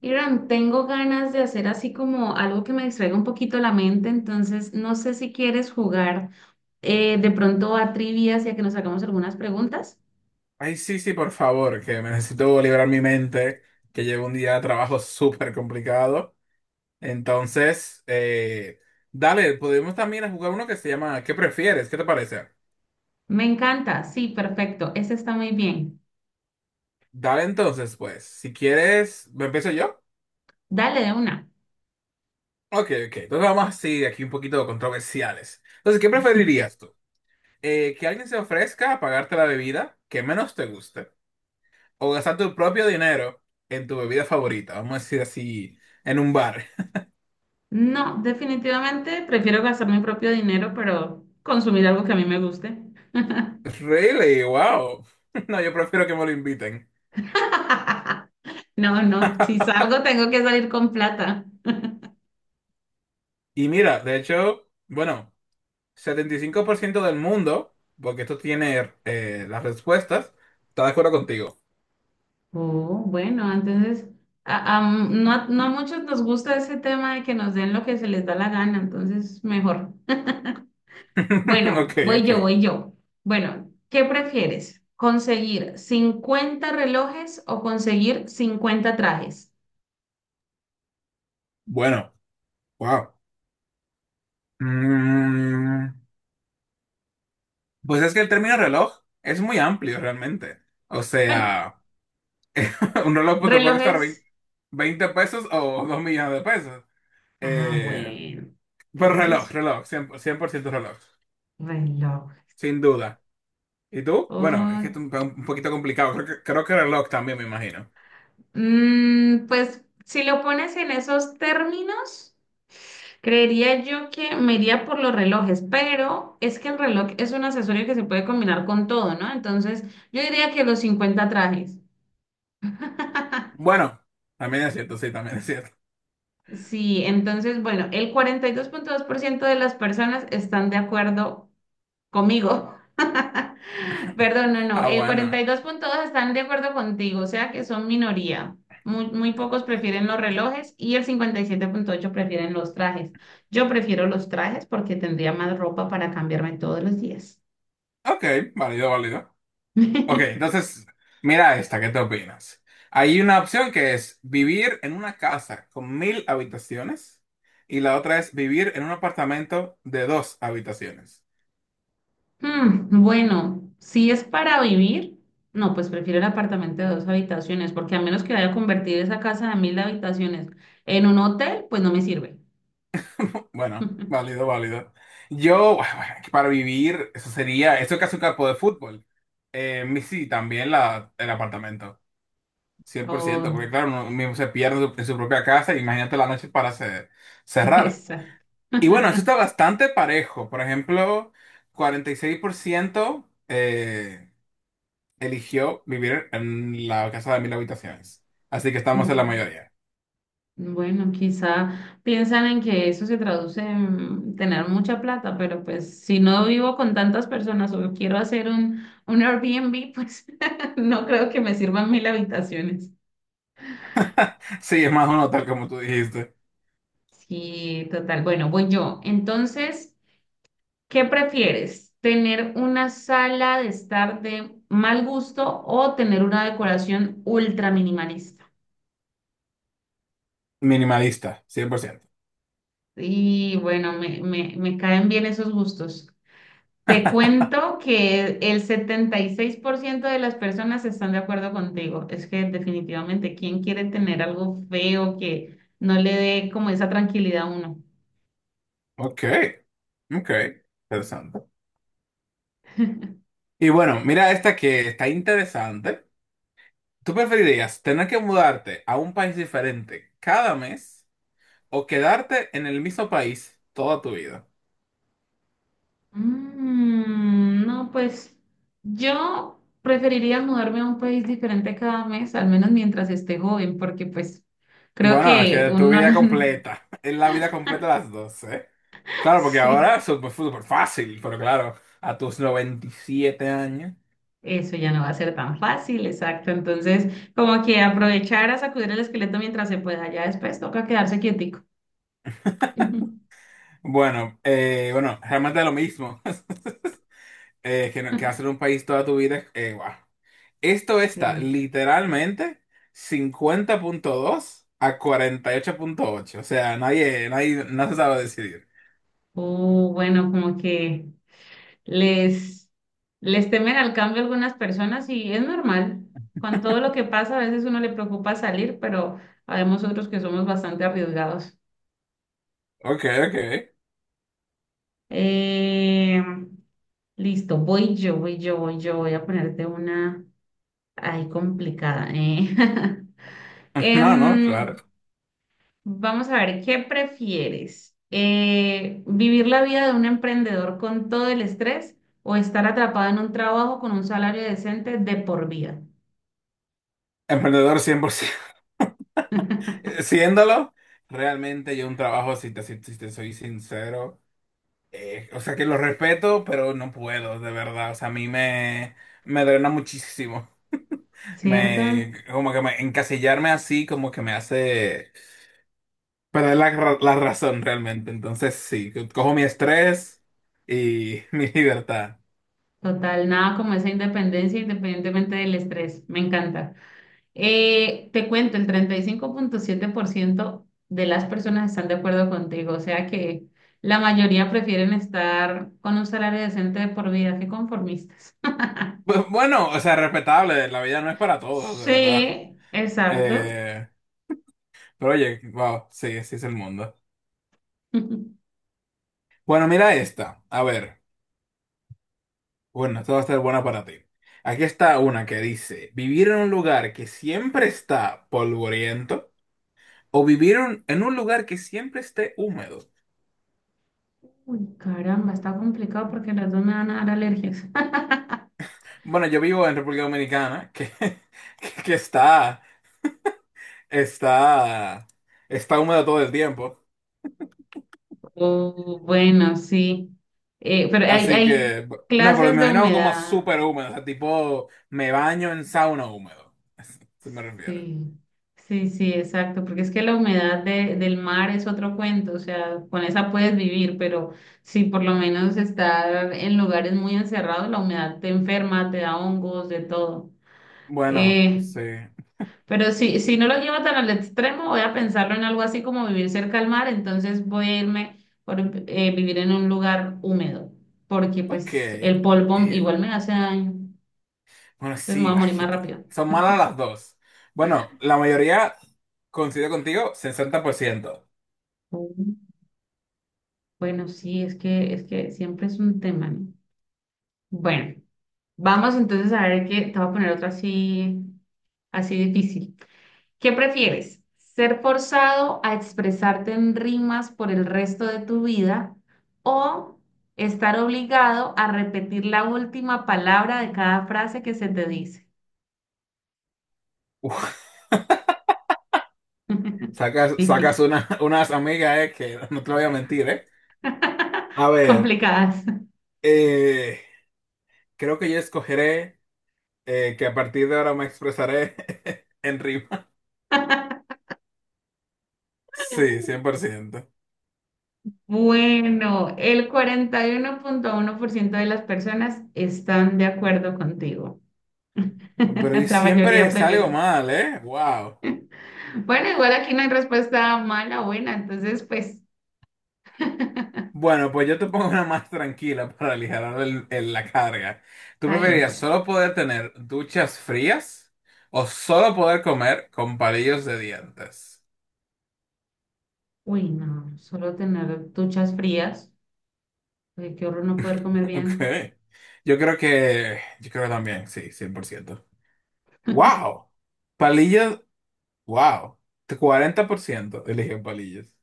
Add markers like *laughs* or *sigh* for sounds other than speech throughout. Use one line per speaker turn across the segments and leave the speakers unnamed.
Irán, tengo ganas de hacer así como algo que me distraiga un poquito la mente, entonces no sé si quieres jugar de pronto a trivias y a que nos hagamos algunas preguntas.
Ay, sí, sí, por favor, que me necesito liberar mi mente, que llevo un día de trabajo súper complicado. Entonces, dale, podemos también jugar uno que se llama ¿Qué prefieres? ¿Qué te parece?
Me encanta, sí, perfecto, ese está muy bien.
Dale entonces, pues, si quieres, ¿me empiezo yo?
Dale de una.
Ok, ok, entonces vamos así, aquí un poquito controversiales. Entonces, ¿qué preferirías tú? ¿que alguien se ofrezca a pagarte la bebida que menos te guste? ¿O gastar tu propio dinero en tu bebida favorita? Vamos a decir así, en un bar.
No, definitivamente prefiero gastar mi propio dinero, pero consumir algo que a mí me guste.
Really, wow. *laughs* No, yo prefiero que me lo inviten.
*laughs* No, no, si salgo tengo que salir con plata.
Y mira, de hecho, bueno, 75% del mundo, porque esto tiene las respuestas, está de acuerdo contigo.
Oh, bueno, entonces no, a no a muchos nos gusta ese tema de que nos den lo que se les da la gana, entonces mejor. *laughs*
*laughs*
Bueno,
Ok,
voy yo,
ok.
voy yo. Bueno, ¿qué prefieres? ¿Conseguir 50 relojes o conseguir 50 trajes?
Bueno, wow. Mm, pues es que el término reloj es muy amplio realmente. O
Bueno,
sea, *laughs* un reloj pues, te puede costar
relojes.
20 pesos o 2 millones de pesos.
Ah,
Eh,
bueno,
pero
tienes
reloj,
razón.
reloj, 100% reloj,
Reloj.
sin duda. ¿Y tú? Bueno, es que esto es un poquito complicado. Creo que reloj también, me imagino.
Mm, pues si lo pones en esos términos, creería yo que me iría por los relojes, pero es que el reloj es un accesorio que se puede combinar con todo, ¿no? Entonces, yo diría que los 50 trajes. *laughs*
Bueno, también es cierto, sí, también es cierto.
Sí, entonces, bueno, el 42,2% de las personas están de acuerdo conmigo. *laughs*
*laughs*
Perdón, no, no.
Ah,
El
bueno.
42.2 están de acuerdo contigo, o sea que son minoría. Muy, muy pocos prefieren los relojes y el 57,8 prefieren los trajes. Yo prefiero los trajes porque tendría más ropa para cambiarme todos los días.
Ok, válido, válido. Ok,
*laughs*
entonces, mira esta, ¿qué te opinas? Hay una opción que es vivir en una casa con 1000 habitaciones y la otra es vivir en un apartamento de 2 habitaciones.
Hmm, bueno, si es para vivir, no, pues prefiero el apartamento de dos habitaciones porque a menos que vaya a convertir esa casa de 1.000 habitaciones en un hotel, pues no me sirve.
Bueno,
*laughs*
válido, válido. Yo, bueno, para vivir, eso sería, eso es casi un campo de fútbol. Sí, también la, el apartamento, 100%
Oh,
porque claro, uno mismo se pierde en su propia casa, imagínate la noche para
*laughs*
cerrar.
exacto.
Y bueno, eso está
*laughs*
bastante parejo. Por ejemplo, 46% eligió vivir en la casa de 1000 habitaciones. Así que estamos
Uf,
en la mayoría.
bueno, quizá piensan en que eso se traduce en tener mucha plata, pero pues si no vivo con tantas personas o quiero hacer un Airbnb, pues *laughs* no creo que me sirvan 1.000 habitaciones.
*laughs* Sí, es más o menos tal como tú dijiste.
Sí, total. Bueno, voy yo. Entonces, ¿qué prefieres? ¿Tener una sala de estar de mal gusto o tener una decoración ultra minimalista?
Minimalista, cien por ciento.
Y bueno, me caen bien esos gustos. Te cuento que el 76% de las personas están de acuerdo contigo. Es que definitivamente, ¿quién quiere tener algo feo que no le dé como esa tranquilidad a uno?
Ok. Ok, interesante. Y bueno, mira esta que está interesante. ¿Tú preferirías tener que mudarte a un país diferente cada mes o quedarte en el mismo país toda tu vida?
Mm, no, pues yo preferiría mudarme a un país diferente cada mes, al menos mientras esté joven, porque pues creo
Bueno, es
que
que tu
uno...
vida
*laughs*
completa, *laughs* es la vida completa las dos, ¿eh? Claro, porque
Sí.
ahora es súper súper fácil, pero claro, a tus 97 años.
Eso ya no va a ser tan fácil, exacto. Entonces, como que aprovechar a sacudir el esqueleto mientras se pueda, ya después toca quedarse quietico. *laughs*
Bueno, bueno, realmente es lo mismo. *laughs* Que, no- que hacer un país toda tu vida, guau. Esto está
Cierto.
literalmente 50,2 a 48,8. O sea, nadie, nadie, no se sabe decidir.
O bueno, como que les, les temen al cambio algunas personas y es normal. Con todo lo que pasa, a veces uno le preocupa salir, pero habemos otros que somos bastante arriesgados.
Ok, ok.
Eh, listo, voy yo, voy yo, voy yo. Voy a ponerte una ahí complicada. *laughs*
*laughs* No, no, claro.
Em, vamos a ver, ¿qué prefieres? ¿Vivir la vida de un emprendedor con todo el estrés o estar atrapado en un trabajo con un salario decente de por vida?
Emprendedor 100%. *laughs* Siéndolo, realmente yo un trabajo, si te soy sincero, o sea que lo respeto, pero no puedo, de verdad. O sea, a mí me drena muchísimo.
¿Cierto?
Me, como que me, encasillarme así, como que me hace. Pero es la razón realmente. Entonces, sí, cojo mi estrés y *laughs* mi libertad.
Total, nada como esa independencia independientemente del estrés. Me encanta. Te cuento, el 35,7% de las personas están de acuerdo contigo, o sea que la mayoría prefieren estar con un salario decente de por vida que conformistas.
Bueno, o sea, respetable, la vida no es para todos, de verdad.
Sí, exacto.
Eh, pero oye, wow, sí, así es el mundo.
*laughs*
Bueno, mira esta. A ver, bueno, esta va a estar buena para ti. Aquí está una que dice, vivir en un lugar que siempre está polvoriento o vivir en un lugar que siempre esté húmedo.
Uy, caramba, está complicado porque las dos me van a dar alergias. *laughs*
Bueno, yo vivo en República Dominicana, que, *laughs* que está... está, está húmedo todo el tiempo.
Oh, bueno, sí. Pero
Así
hay
que, no, pero me
clases de
imagino como
humedad.
súper húmedo, o sea, tipo, me baño en sauna húmedo. *laughs* Se me refiere.
Sí, sí, sí, exacto. Porque es que la humedad de- del mar es otro cuento. O sea, con esa puedes vivir, pero si por lo menos estar en lugares muy encerrados, la humedad te enferma, te da hongos, de todo.
Bueno,
Eh,
sí.
Pero si no lo llevo tan al extremo, voy a pensarlo en algo así como vivir cerca al mar, entonces voy a irme por vivir en un lugar húmedo, porque
Ok.
pues el polvo igual me hace daño,
Bueno,
entonces me voy
sí,
a
ay,
morir más rápido.
son malas las dos. Bueno, la mayoría coincide contigo, 60%.
Mm. Bueno, sí, es que siempre es un tema, ¿no? Bueno, vamos entonces a ver qué, te voy a poner otro así, así difícil. ¿Qué prefieres? ¿Ser forzado a expresarte en rimas por el resto de tu vida o estar obligado a repetir la última palabra de cada frase que se te dice?
*laughs* Uf,
*laughs*
sacas, sacas
Difícil.
una, *laughs* unas amigas, que *laughs* no te lo voy a mentir, eh. A
*laughs*
ver,
Complicadas.
eh, creo que yo escogeré. Que a partir de ahora me expresaré *laughs* en rima. Sí, 100%.
Bueno, el 41,1% de las personas están de acuerdo contigo. *laughs*
Pero y
La
siempre
mayoría
salgo
prefieren.
mal, ¿eh? Wow.
Bueno, igual aquí no hay respuesta mala o buena, entonces pues
Bueno, pues yo te pongo una más tranquila para aligerar la carga. ¿Tú
está bien,
preferirías
pues.
solo poder tener duchas frías o solo poder comer con palillos de dientes?
Uy, no, solo tener duchas frías. Uy, qué horror no poder
*laughs*
comer
Ok.
bien.
Yo creo que también, sí, 100%. ¡Wow! Palillos, wow. 40% eligen palillos.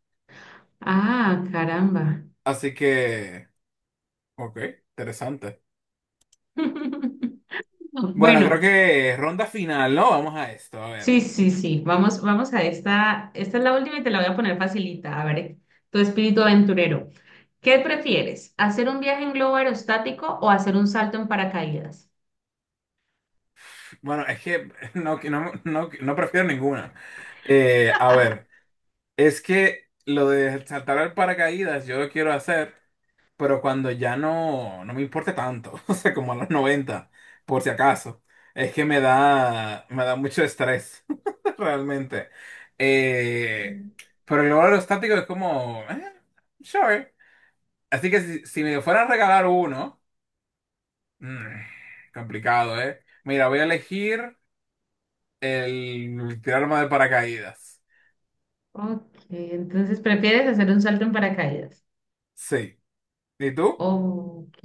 Ah, caramba.
Así que... Ok, interesante.
*laughs*
Bueno, creo
Bueno,
que ronda final, ¿no? Vamos a esto, a ver.
sí, sí, sí. Vamos, vamos a esta. Esta es la última y te la voy a poner facilita. A ver, tu espíritu aventurero. ¿Qué prefieres? ¿Hacer un viaje en globo aerostático o hacer un salto en paracaídas?
Bueno, es que *laughs* no, que no, no, no prefiero ninguna. A ver, es que lo de saltar al paracaídas yo lo quiero hacer, pero cuando ya no, no me importe tanto, *laughs* o sea, como a los 90, por si acaso. Es que me da mucho estrés, *laughs* realmente. Eh,
Mm.
pero el logro estático es como, sure. Así que si me fueran a regalar uno. Mm, complicado, ¿eh? Mira, voy a elegir el tirarme de paracaídas.
Ok, entonces prefieres hacer un salto en paracaídas.
Sí. ¿Y tú?
Ok.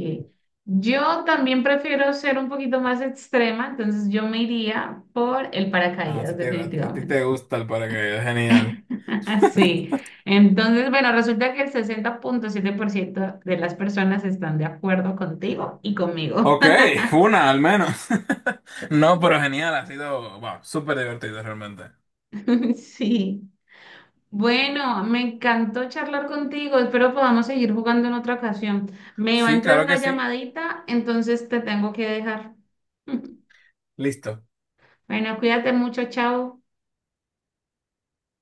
Yo también prefiero ser un poquito más extrema, entonces yo me iría por el
Ah,
paracaídas,
a ti
definitivamente.
te gusta el paracaídas, genial.
*laughs* Sí. Entonces, bueno, resulta que el 60,7% de las personas están de acuerdo contigo y conmigo.
Ok,
*laughs*
*laughs* una al menos. *laughs* No, pero genial, ha sido, wow, súper divertido realmente.
Sí. Bueno, me encantó charlar contigo. Espero podamos seguir jugando en otra ocasión. Me va a
Sí,
entrar
claro que
una
sí.
llamadita, entonces te tengo que dejar. *laughs*
Listo.
Bueno, cuídate mucho, chao.